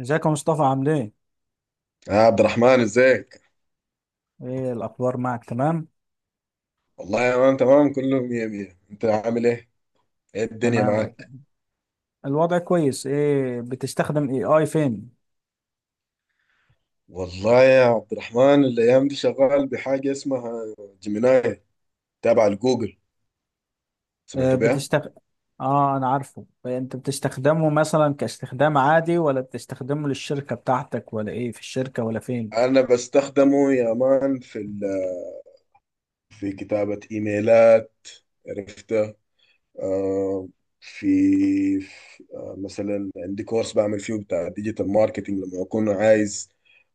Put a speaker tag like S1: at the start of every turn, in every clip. S1: ازيك يا مصطفى؟ عامل ايه؟
S2: يا عبد الرحمن ازيك؟
S1: ايه الاخبار معك؟ تمام؟
S2: والله يا مان تمام، كله مية مية. انت عامل ايه؟ ايه الدنيا
S1: تمام،
S2: معاك؟
S1: الوضع كويس. ايه بتستخدم اي اي فين؟
S2: والله يا عبد الرحمن، الايام دي شغال بحاجة اسمها جيميناي، تابع لجوجل.
S1: اه
S2: سمعت بيها؟
S1: بتستخدم. اه انا عارفه انت بتستخدمه مثلا كاستخدام عادي ولا بتستخدمه للشركة بتاعتك، ولا ايه في الشركة ولا فين؟
S2: انا بستخدمه يا مان في كتابة ايميلات. عرفته. آه، في مثلا عندي كورس بعمل فيه بتاع ديجيتال ماركتينج، لما اكون عايز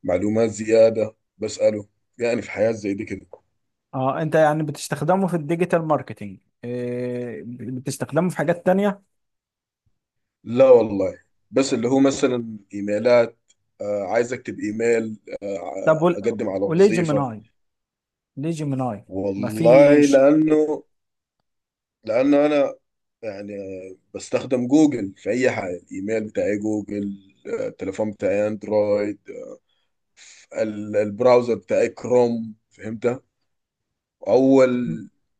S2: معلومات زيادة بسأله. يعني في حياة زي دي كده.
S1: اه انت يعني بتستخدمه في الديجيتال ماركتينج، إيه بتستخدمه في حاجات تانية؟
S2: لا والله، بس اللي هو مثلا ايميلات، آه عايز اكتب ايميل،
S1: طب
S2: آه اقدم على
S1: وليه
S2: وظيفة.
S1: جيميناي؟ ليه جيميناي؟ ما
S2: والله
S1: فيش.
S2: لانه، لانه يعني بستخدم جوجل في اي حاجة، الايميل بتاعي جوجل، التليفون بتاعي اندرويد، البراوزر بتاعي كروم، فهمت. اول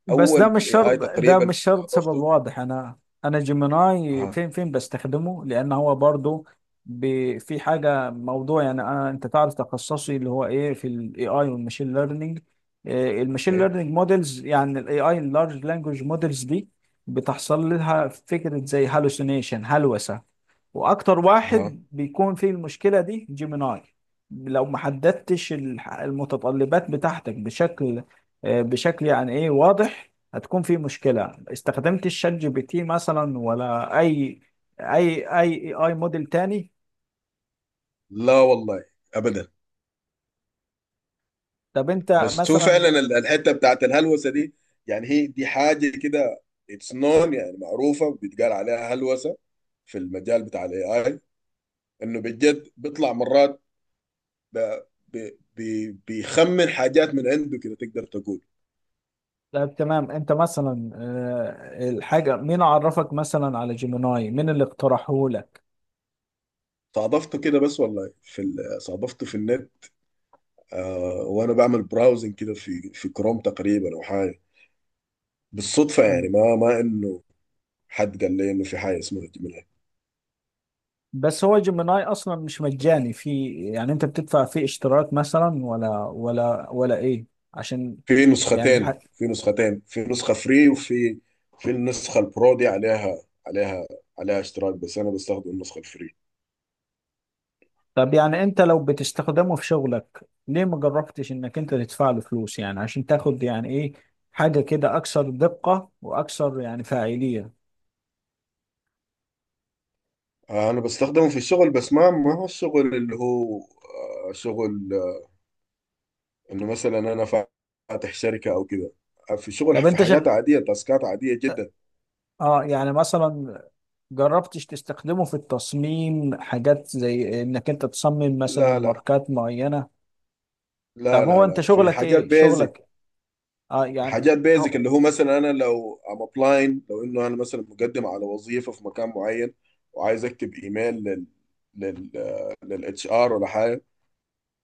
S1: بس ده
S2: اول
S1: مش
S2: اي
S1: شرط.
S2: اي
S1: ده
S2: تقريبا
S1: مش شرط سبب
S2: استضفته.
S1: واضح. انا انا جيميناي
S2: ها.
S1: فين فين بستخدمه لان هو برضو في حاجه موضوع، يعني انا انت تعرف تخصصي اللي هو ايه في الاي اي والماشين ليرنينج. الماشين
S2: اوكي.
S1: ليرنينج موديلز، يعني الاي اي اللارج لانجوج موديلز دي بتحصل لها فكره زي هالوسينيشن، هلوسه. واكتر
S2: ها.
S1: واحد بيكون فيه المشكله دي جيميناي. لو ما حددتش المتطلبات بتاعتك بشكل بشكل يعني ايه واضح، هتكون في مشكلة. استخدمت الشات جي بي تي مثلا، ولا اي اي موديل تاني؟
S2: لا والله، ابدا.
S1: طب انت
S2: بس هو
S1: مثلا.
S2: فعلا الحته بتاعت الهلوسه دي، يعني هي دي حاجه كده اتس نون، يعني معروفه بيتقال عليها هلوسه في المجال بتاع الاي اي، انه بجد بيطلع مرات ب- بيخمن حاجات من عنده كده تقدر تقول.
S1: طب تمام، انت مثلا الحاجة مين عرفك مثلا على جيميناي؟ مين اللي اقترحه لك؟
S2: صادفته كده بس والله، صادفته في النت، آه وانا بعمل براوزنج كده في كروم تقريبا او حاجه. بالصدفه يعني،
S1: مم.
S2: ما انه حد قال لي انه في حاجه اسمها.
S1: بس هو جيميناي اصلا مش مجاني؟ في يعني انت بتدفع فيه اشتراك مثلا، ولا ايه؟ عشان يعني
S2: في نسختين، في نسخة فري وفي في النسخة البرو دي، عليها عليها اشتراك، بس أنا بستخدم النسخة الفري.
S1: طب يعني انت لو بتستخدمه في شغلك، ليه ما جربتش انك انت تدفع له فلوس، يعني عشان تاخد يعني ايه، حاجة كده اكثر دقة واكثر يعني فاعلية؟
S2: أنا بستخدمه في الشغل، بس ما هو الشغل اللي هو آه، شغل آه، إنه مثلا أنا فاتح شركة أو كده. آه، في شغل
S1: طب
S2: في
S1: انت
S2: حياة عادية، تاسكات عادية جدا.
S1: اه، يعني مثلا جربتش تستخدمه في التصميم، حاجات زي انك انت تصمم مثلا
S2: لا لا
S1: ماركات معينة؟ طب
S2: لا
S1: هو
S2: لا
S1: انت
S2: لا في
S1: شغلك
S2: حاجات
S1: ايه؟
S2: بيزك.
S1: شغلك اه يعني
S2: حاجات بيزك
S1: هو...
S2: اللي هو مثلا انا لو ام ابلاين، لو انه انا مثلا مقدم على وظيفه في مكان معين وعايز اكتب ايميل لل لل للاتش ار ولا حاجه،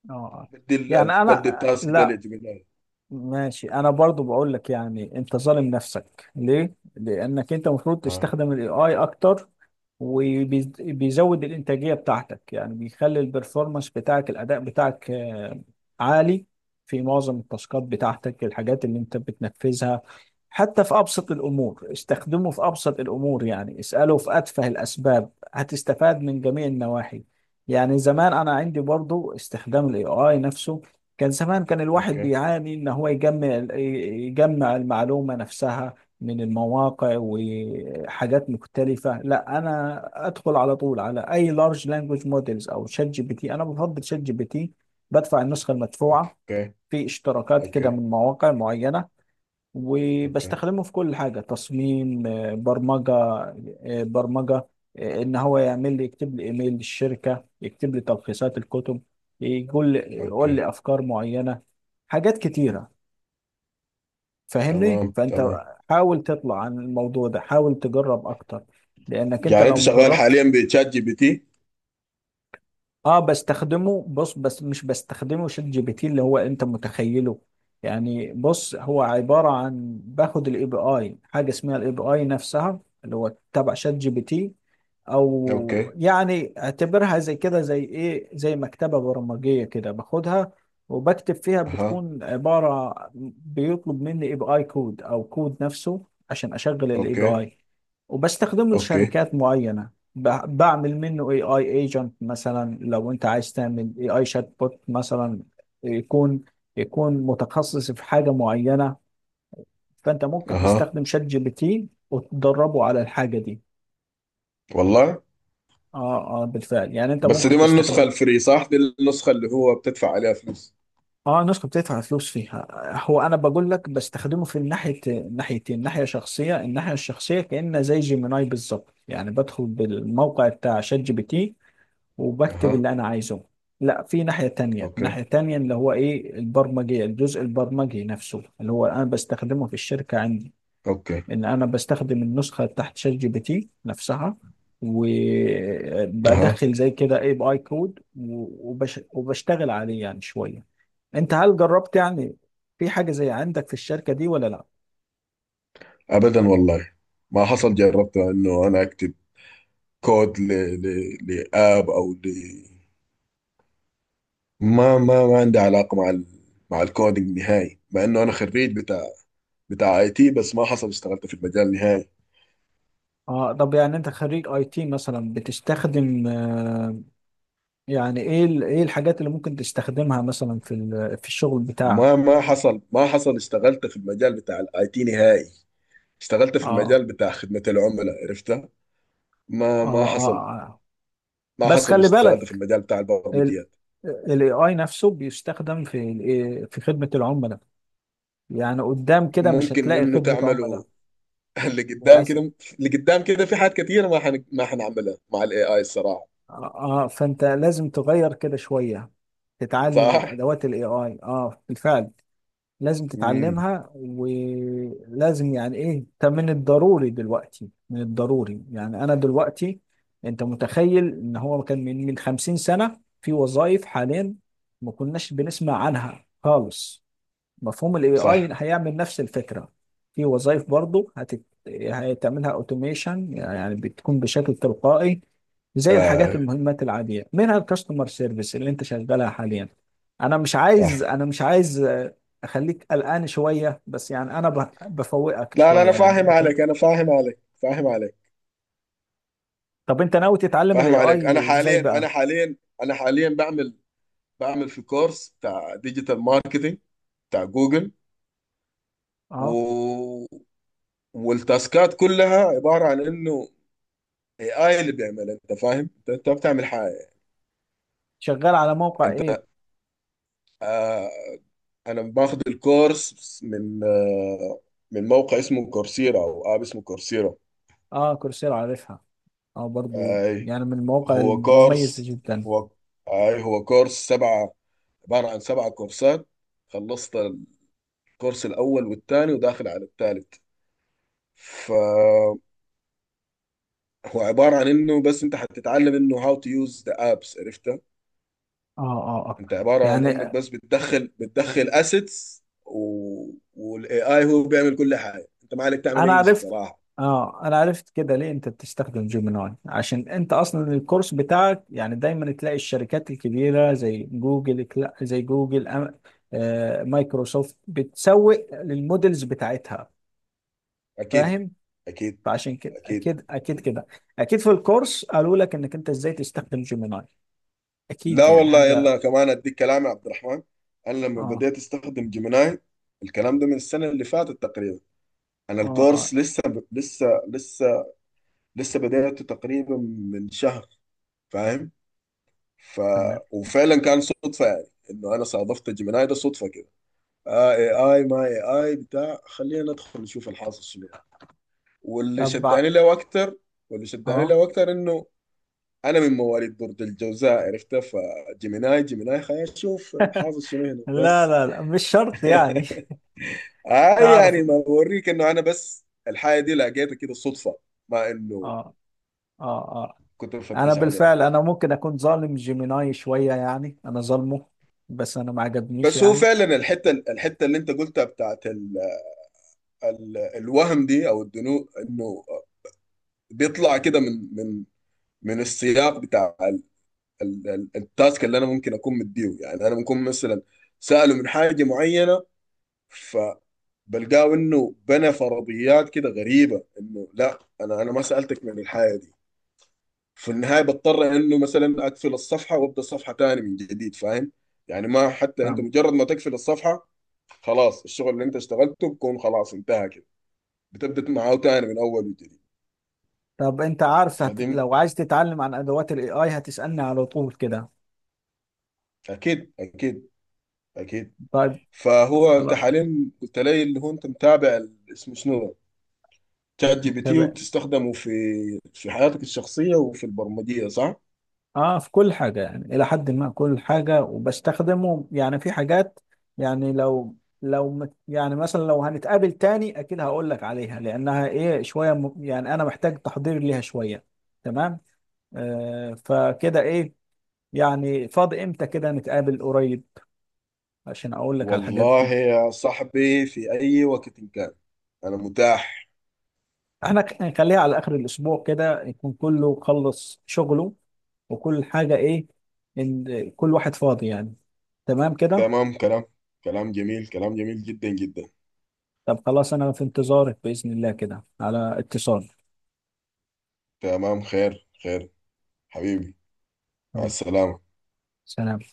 S1: اه
S2: بدي
S1: يعني
S2: بدي
S1: انا
S2: التاسك ده
S1: لا.
S2: لجميل.
S1: ماشي، انا برضو بقول لك يعني انت ظالم نفسك ليه، لانك انت المفروض
S2: اه.
S1: تستخدم الاي اي اكتر. وبيزود الإنتاجية بتاعتك، يعني بيخلي البرفورمانس بتاعك، الأداء بتاعك عالي في معظم التاسكات بتاعتك، الحاجات اللي أنت بتنفذها. حتى في أبسط الأمور، استخدمه في أبسط الأمور، يعني اسأله في أتفه الأسباب هتستفاد من جميع النواحي. يعني زمان أنا عندي برضو استخدام ال AI نفسه، كان زمان كان الواحد
S2: اوكي.
S1: بيعاني إن هو يجمع المعلومة نفسها من المواقع وحاجات مختلفة. لا، أنا أدخل على طول على أي لارج لانجوج موديلز أو شات جي بي تي. أنا بفضل شات جي بي تي، بدفع النسخة المدفوعة،
S2: اوكي
S1: في اشتراكات كده
S2: اوكي
S1: من مواقع معينة.
S2: اوكي
S1: وبستخدمه في كل حاجة: تصميم، برمجة، برمجة، إن هو يعمل لي، يكتب لي إيميل للشركة، يكتب لي تلخيصات الكتب، يقول لي يقول
S2: اوكي.
S1: لي أفكار معينة، حاجات كتيرة. فاهمني؟
S2: تمام
S1: فانت
S2: تمام.
S1: حاول تطلع عن الموضوع ده، حاول تجرب اكتر، لانك انت
S2: يعني
S1: لو
S2: انت شغال
S1: مجربتش.
S2: حاليا بتشات جي بي تي؟
S1: اه بستخدمه، بص، بس مش بستخدمه شات جي بي تي اللي هو انت متخيله. يعني بص، هو عبارة عن باخد الاي بي اي، حاجة اسمها الاي بي اي نفسها اللي هو تبع شات جي بي تي، او
S2: اوكي.
S1: يعني اعتبرها زي كده زي ايه، زي مكتبة برمجية كده، باخدها وبكتب فيها،
S2: اها.
S1: بتكون عبارة بيطلب مني اي بي اي كود او كود نفسه عشان اشغل الاي بي
S2: اوكي.
S1: اي. وبستخدمه
S2: اوكي.
S1: لشركات معينة. بعمل منه اي اي ايجنت مثلا. لو انت عايز تعمل اي اي شات بوت مثلا، يكون يكون متخصص في حاجه معينه، فانت ممكن
S2: اها.
S1: تستخدم شات جي بي تي وتدربه على الحاجه دي.
S2: والله.
S1: اه اه بالفعل، يعني انت
S2: بس
S1: ممكن
S2: دي ما النسخه
S1: تستخدم.
S2: الفري، صح؟ دي النسخه اللي هو بتدفع عليها فلوس.
S1: اه، نسخه بتدفع فلوس فيها. هو انا بقول لك بستخدمه في الناحيه، ناحيتين: ناحيه شخصيه، الناحيه الشخصيه كانه زي جيميناي بالظبط، يعني بدخل بالموقع بتاع شات جي بي تي وبكتب
S2: اها.
S1: اللي انا عايزه. لا، في ناحية تانية،
S2: اوكي.
S1: ناحية تانية اللي هو ايه، البرمجي، الجزء البرمجي نفسه، اللي هو انا بستخدمه في الشركة عندي.
S2: اوكي.
S1: ان انا بستخدم النسخة تحت شات جي بي تي نفسها،
S2: اها.
S1: وبدخل زي كده اي بي اي كود، وبشتغل عليه يعني شوية. انت هل جربت يعني، في حاجة زي عندك في الشركة دي ولا لا؟
S2: ابدا والله، ما حصل جربت انه انا اكتب كود لاب او ما ما عندي علاقه مع الكودينج نهائي، مع انه انا خريج بتاع اي تي، بس ما حصل اشتغلت في المجال نهائي.
S1: اه طب يعني انت خريج اي تي مثلا، بتستخدم يعني ايه ايه الحاجات اللي ممكن تستخدمها مثلا في في الشغل
S2: ما
S1: بتاعك؟
S2: ما حصل ما حصل اشتغلت في المجال بتاع الاي تي نهائي، اشتغلت في
S1: اه
S2: المجال بتاع خدمة العملاء، عرفتها.
S1: اه
S2: ما ما
S1: اه
S2: حصل
S1: آه.
S2: ما
S1: بس
S2: حصل
S1: خلي
S2: اشتغلت في
S1: بالك،
S2: المجال بتاع
S1: ال
S2: البرمجيات.
S1: الاي اي نفسه بيستخدم في في خدمة العملاء. يعني قدام كده مش
S2: ممكن
S1: هتلاقي
S2: انه
S1: خدمة عملاء،
S2: تعمله. اللي قدام
S1: للأسف.
S2: كده، اللي قدام كده في حاجات كتير ما حنعملها مع الاي اي الصراحه.
S1: اه فانت لازم تغير كده شوية، تتعلم
S2: صح.
S1: الادوات الاي اي. اه بالفعل، لازم
S2: امم.
S1: تتعلمها، ولازم يعني ايه، ده من الضروري دلوقتي، من الضروري. يعني انا دلوقتي، انت متخيل ان هو كان من 50 سنة في وظائف حاليا ما كناش بنسمع عنها خالص؟ مفهوم الاي اي
S2: صح.
S1: هيعمل نفس الفكره. في وظائف برضه هتعملها اوتوميشن، يعني بتكون بشكل تلقائي، زي الحاجات
S2: آه.
S1: المهمات العاديه، منها الكاستمر سيرفيس اللي انت شغالها حاليا. انا مش عايز،
S2: صح.
S1: انا مش عايز اخليك قلقان شويه، بس يعني انا بفوقك
S2: لا لا،
S1: شويه،
S2: انا
S1: يعني
S2: فاهم
S1: بخليك.
S2: عليك، انا فاهم عليك، فاهم عليك،
S1: طب انت ناوي تتعلم
S2: فاهم
S1: الاي
S2: عليك. انا
S1: اي ازاي
S2: حاليا انا
S1: بقى؟
S2: حاليا انا حاليا بعمل في كورس بتاع ديجيتال ماركتينج بتاع جوجل.
S1: اه
S2: و... والتاسكات كلها عبارة عن انه اي اي اللي بيعمل، انت فاهم، انت ما بتعمل حاجة.
S1: شغال على موقع
S2: انت
S1: ايه؟
S2: آه، انا باخد الكورس من آه، من موقع اسمه كورسيرا، او اب اسمه كورسيرا.
S1: اه كورسيرا، عارفها. اه برضو
S2: اي
S1: يعني من المواقع
S2: هو
S1: المميزه
S2: كورس،
S1: جدا.
S2: هو هو كورس سبعة، عبارة عن سبعة كورسات. خلصت الكورس الاول والثاني وداخل على الثالث. فهو عبارة عن انه بس انت حتتعلم انه هاو تو يوز ذا ابس، عرفتها.
S1: اه اه اه،
S2: انت عبارة عن انك
S1: يعني
S2: بس بتدخل اسيتس، والاي اي هو بيعمل كل حاجة، انت ما عليك تعمل
S1: انا
S2: اي شيء
S1: عرفت.
S2: صراحة.
S1: اه انا عرفت كده ليه انت بتستخدم جيميناي، عشان انت اصلا الكورس بتاعك، يعني دايما تلاقي الشركات الكبيره زي جوجل زي جوجل مايكروسوفت بتسوق للمودلز بتاعتها.
S2: اكيد
S1: فاهم.
S2: اكيد
S1: فعشان كده
S2: اكيد.
S1: اكيد، اكيد كده. اكيد في الكورس قالوا لك انك انت ازاي تستخدم جيميناي،
S2: لا
S1: اكيد يعني
S2: والله،
S1: حاجه.
S2: يلا كمان اديك كلام يا عبد الرحمن، انا لما
S1: اه
S2: بديت استخدم جيميناي، الكلام ده من السنه اللي فاتت تقريبا. انا
S1: اه
S2: الكورس
S1: اه.
S2: لسه، لسه بديته تقريبا من شهر، فاهم؟ ف
S1: تمام.
S2: وفعلا كان صدفه، يعني انه انا صادفت جيميناي ده صدفه كده. آه اي اي، ما اي اي بتاع خلينا ندخل نشوف الحاصل شنو يعني. واللي
S1: طب
S2: شداني له اكتر واللي شداني
S1: اه
S2: له اكتر انه انا من مواليد برج الجوزاء، عرفتها، فجيميناي جيميناي، خلينا نشوف الحافظ شنو هنا
S1: لا
S2: بس.
S1: لا لا، مش شرط يعني.
S2: آه
S1: تعرف.
S2: يعني ما بوريك انه انا بس الحاجه دي لقيتها كده صدفه، ما انه
S1: اه اه آه.
S2: كنت
S1: انا
S2: بفتش عليها.
S1: بالفعل انا ممكن اكون ظالم جيميناي شويه، يعني انا ظالمه، بس انا ما عجبنيش
S2: بس هو
S1: يعني.
S2: فعلا الحته اللي انت قلتها بتاعت ال الوهم دي او الدنو، انه بيطلع كده من من السياق بتاع ال التاسك اللي انا ممكن اكون مديه. يعني انا ممكن مثلا ساله من حاجه معينه، بلقاه انه بنى فرضيات كده غريبه، انه لا، انا ما سالتك من الحاجه دي. في النهايه بضطر انه مثلا اقفل الصفحه وابدا صفحه تاني من جديد، فاهم؟ يعني ما حتى انت
S1: فاهم.
S2: مجرد ما تقفل الصفحه، خلاص الشغل اللي انت اشتغلته بكون خلاص انتهى كده، بتبدا معاه تاني من اول وجديد.
S1: طب انت عارف
S2: فدي،
S1: لو عايز تتعلم عن ادوات الاي اي هتسالني على طول كده.
S2: اكيد اكيد اكيد.
S1: طيب.
S2: فهو انت
S1: خلاص.
S2: حاليا قلت لي اللي هو انت متابع اسمه شنو، شات جي بي
S1: طب
S2: تي، وتستخدمه في في حياتك الشخصيه وفي البرمجيه، صح؟
S1: اه في كل حاجه، يعني الى حد ما كل حاجه. وبستخدمه يعني في حاجات، يعني لو، لو يعني مثلا لو هنتقابل تاني اكيد هقول لك عليها، لانها ايه، شويه يعني انا محتاج تحضير ليها شويه. تمام. آه فكده ايه، يعني فاضي امتى كده نتقابل قريب عشان اقول لك على الحاجات
S2: والله
S1: دي؟
S2: يا صاحبي في أي وقت إن كان، أنا متاح.
S1: احنا هنخليها على اخر الاسبوع كده، يكون كله خلص شغله وكل حاجة، ايه، ان كل واحد فاضي يعني. تمام كده.
S2: تمام، كلام، كلام جميل، كلام جميل جدا جدا.
S1: طب خلاص، انا في انتظارك بإذن الله، كده على اتصال.
S2: تمام، خير خير. حبيبي. مع
S1: حبيبي.
S2: السلامة.
S1: سلام.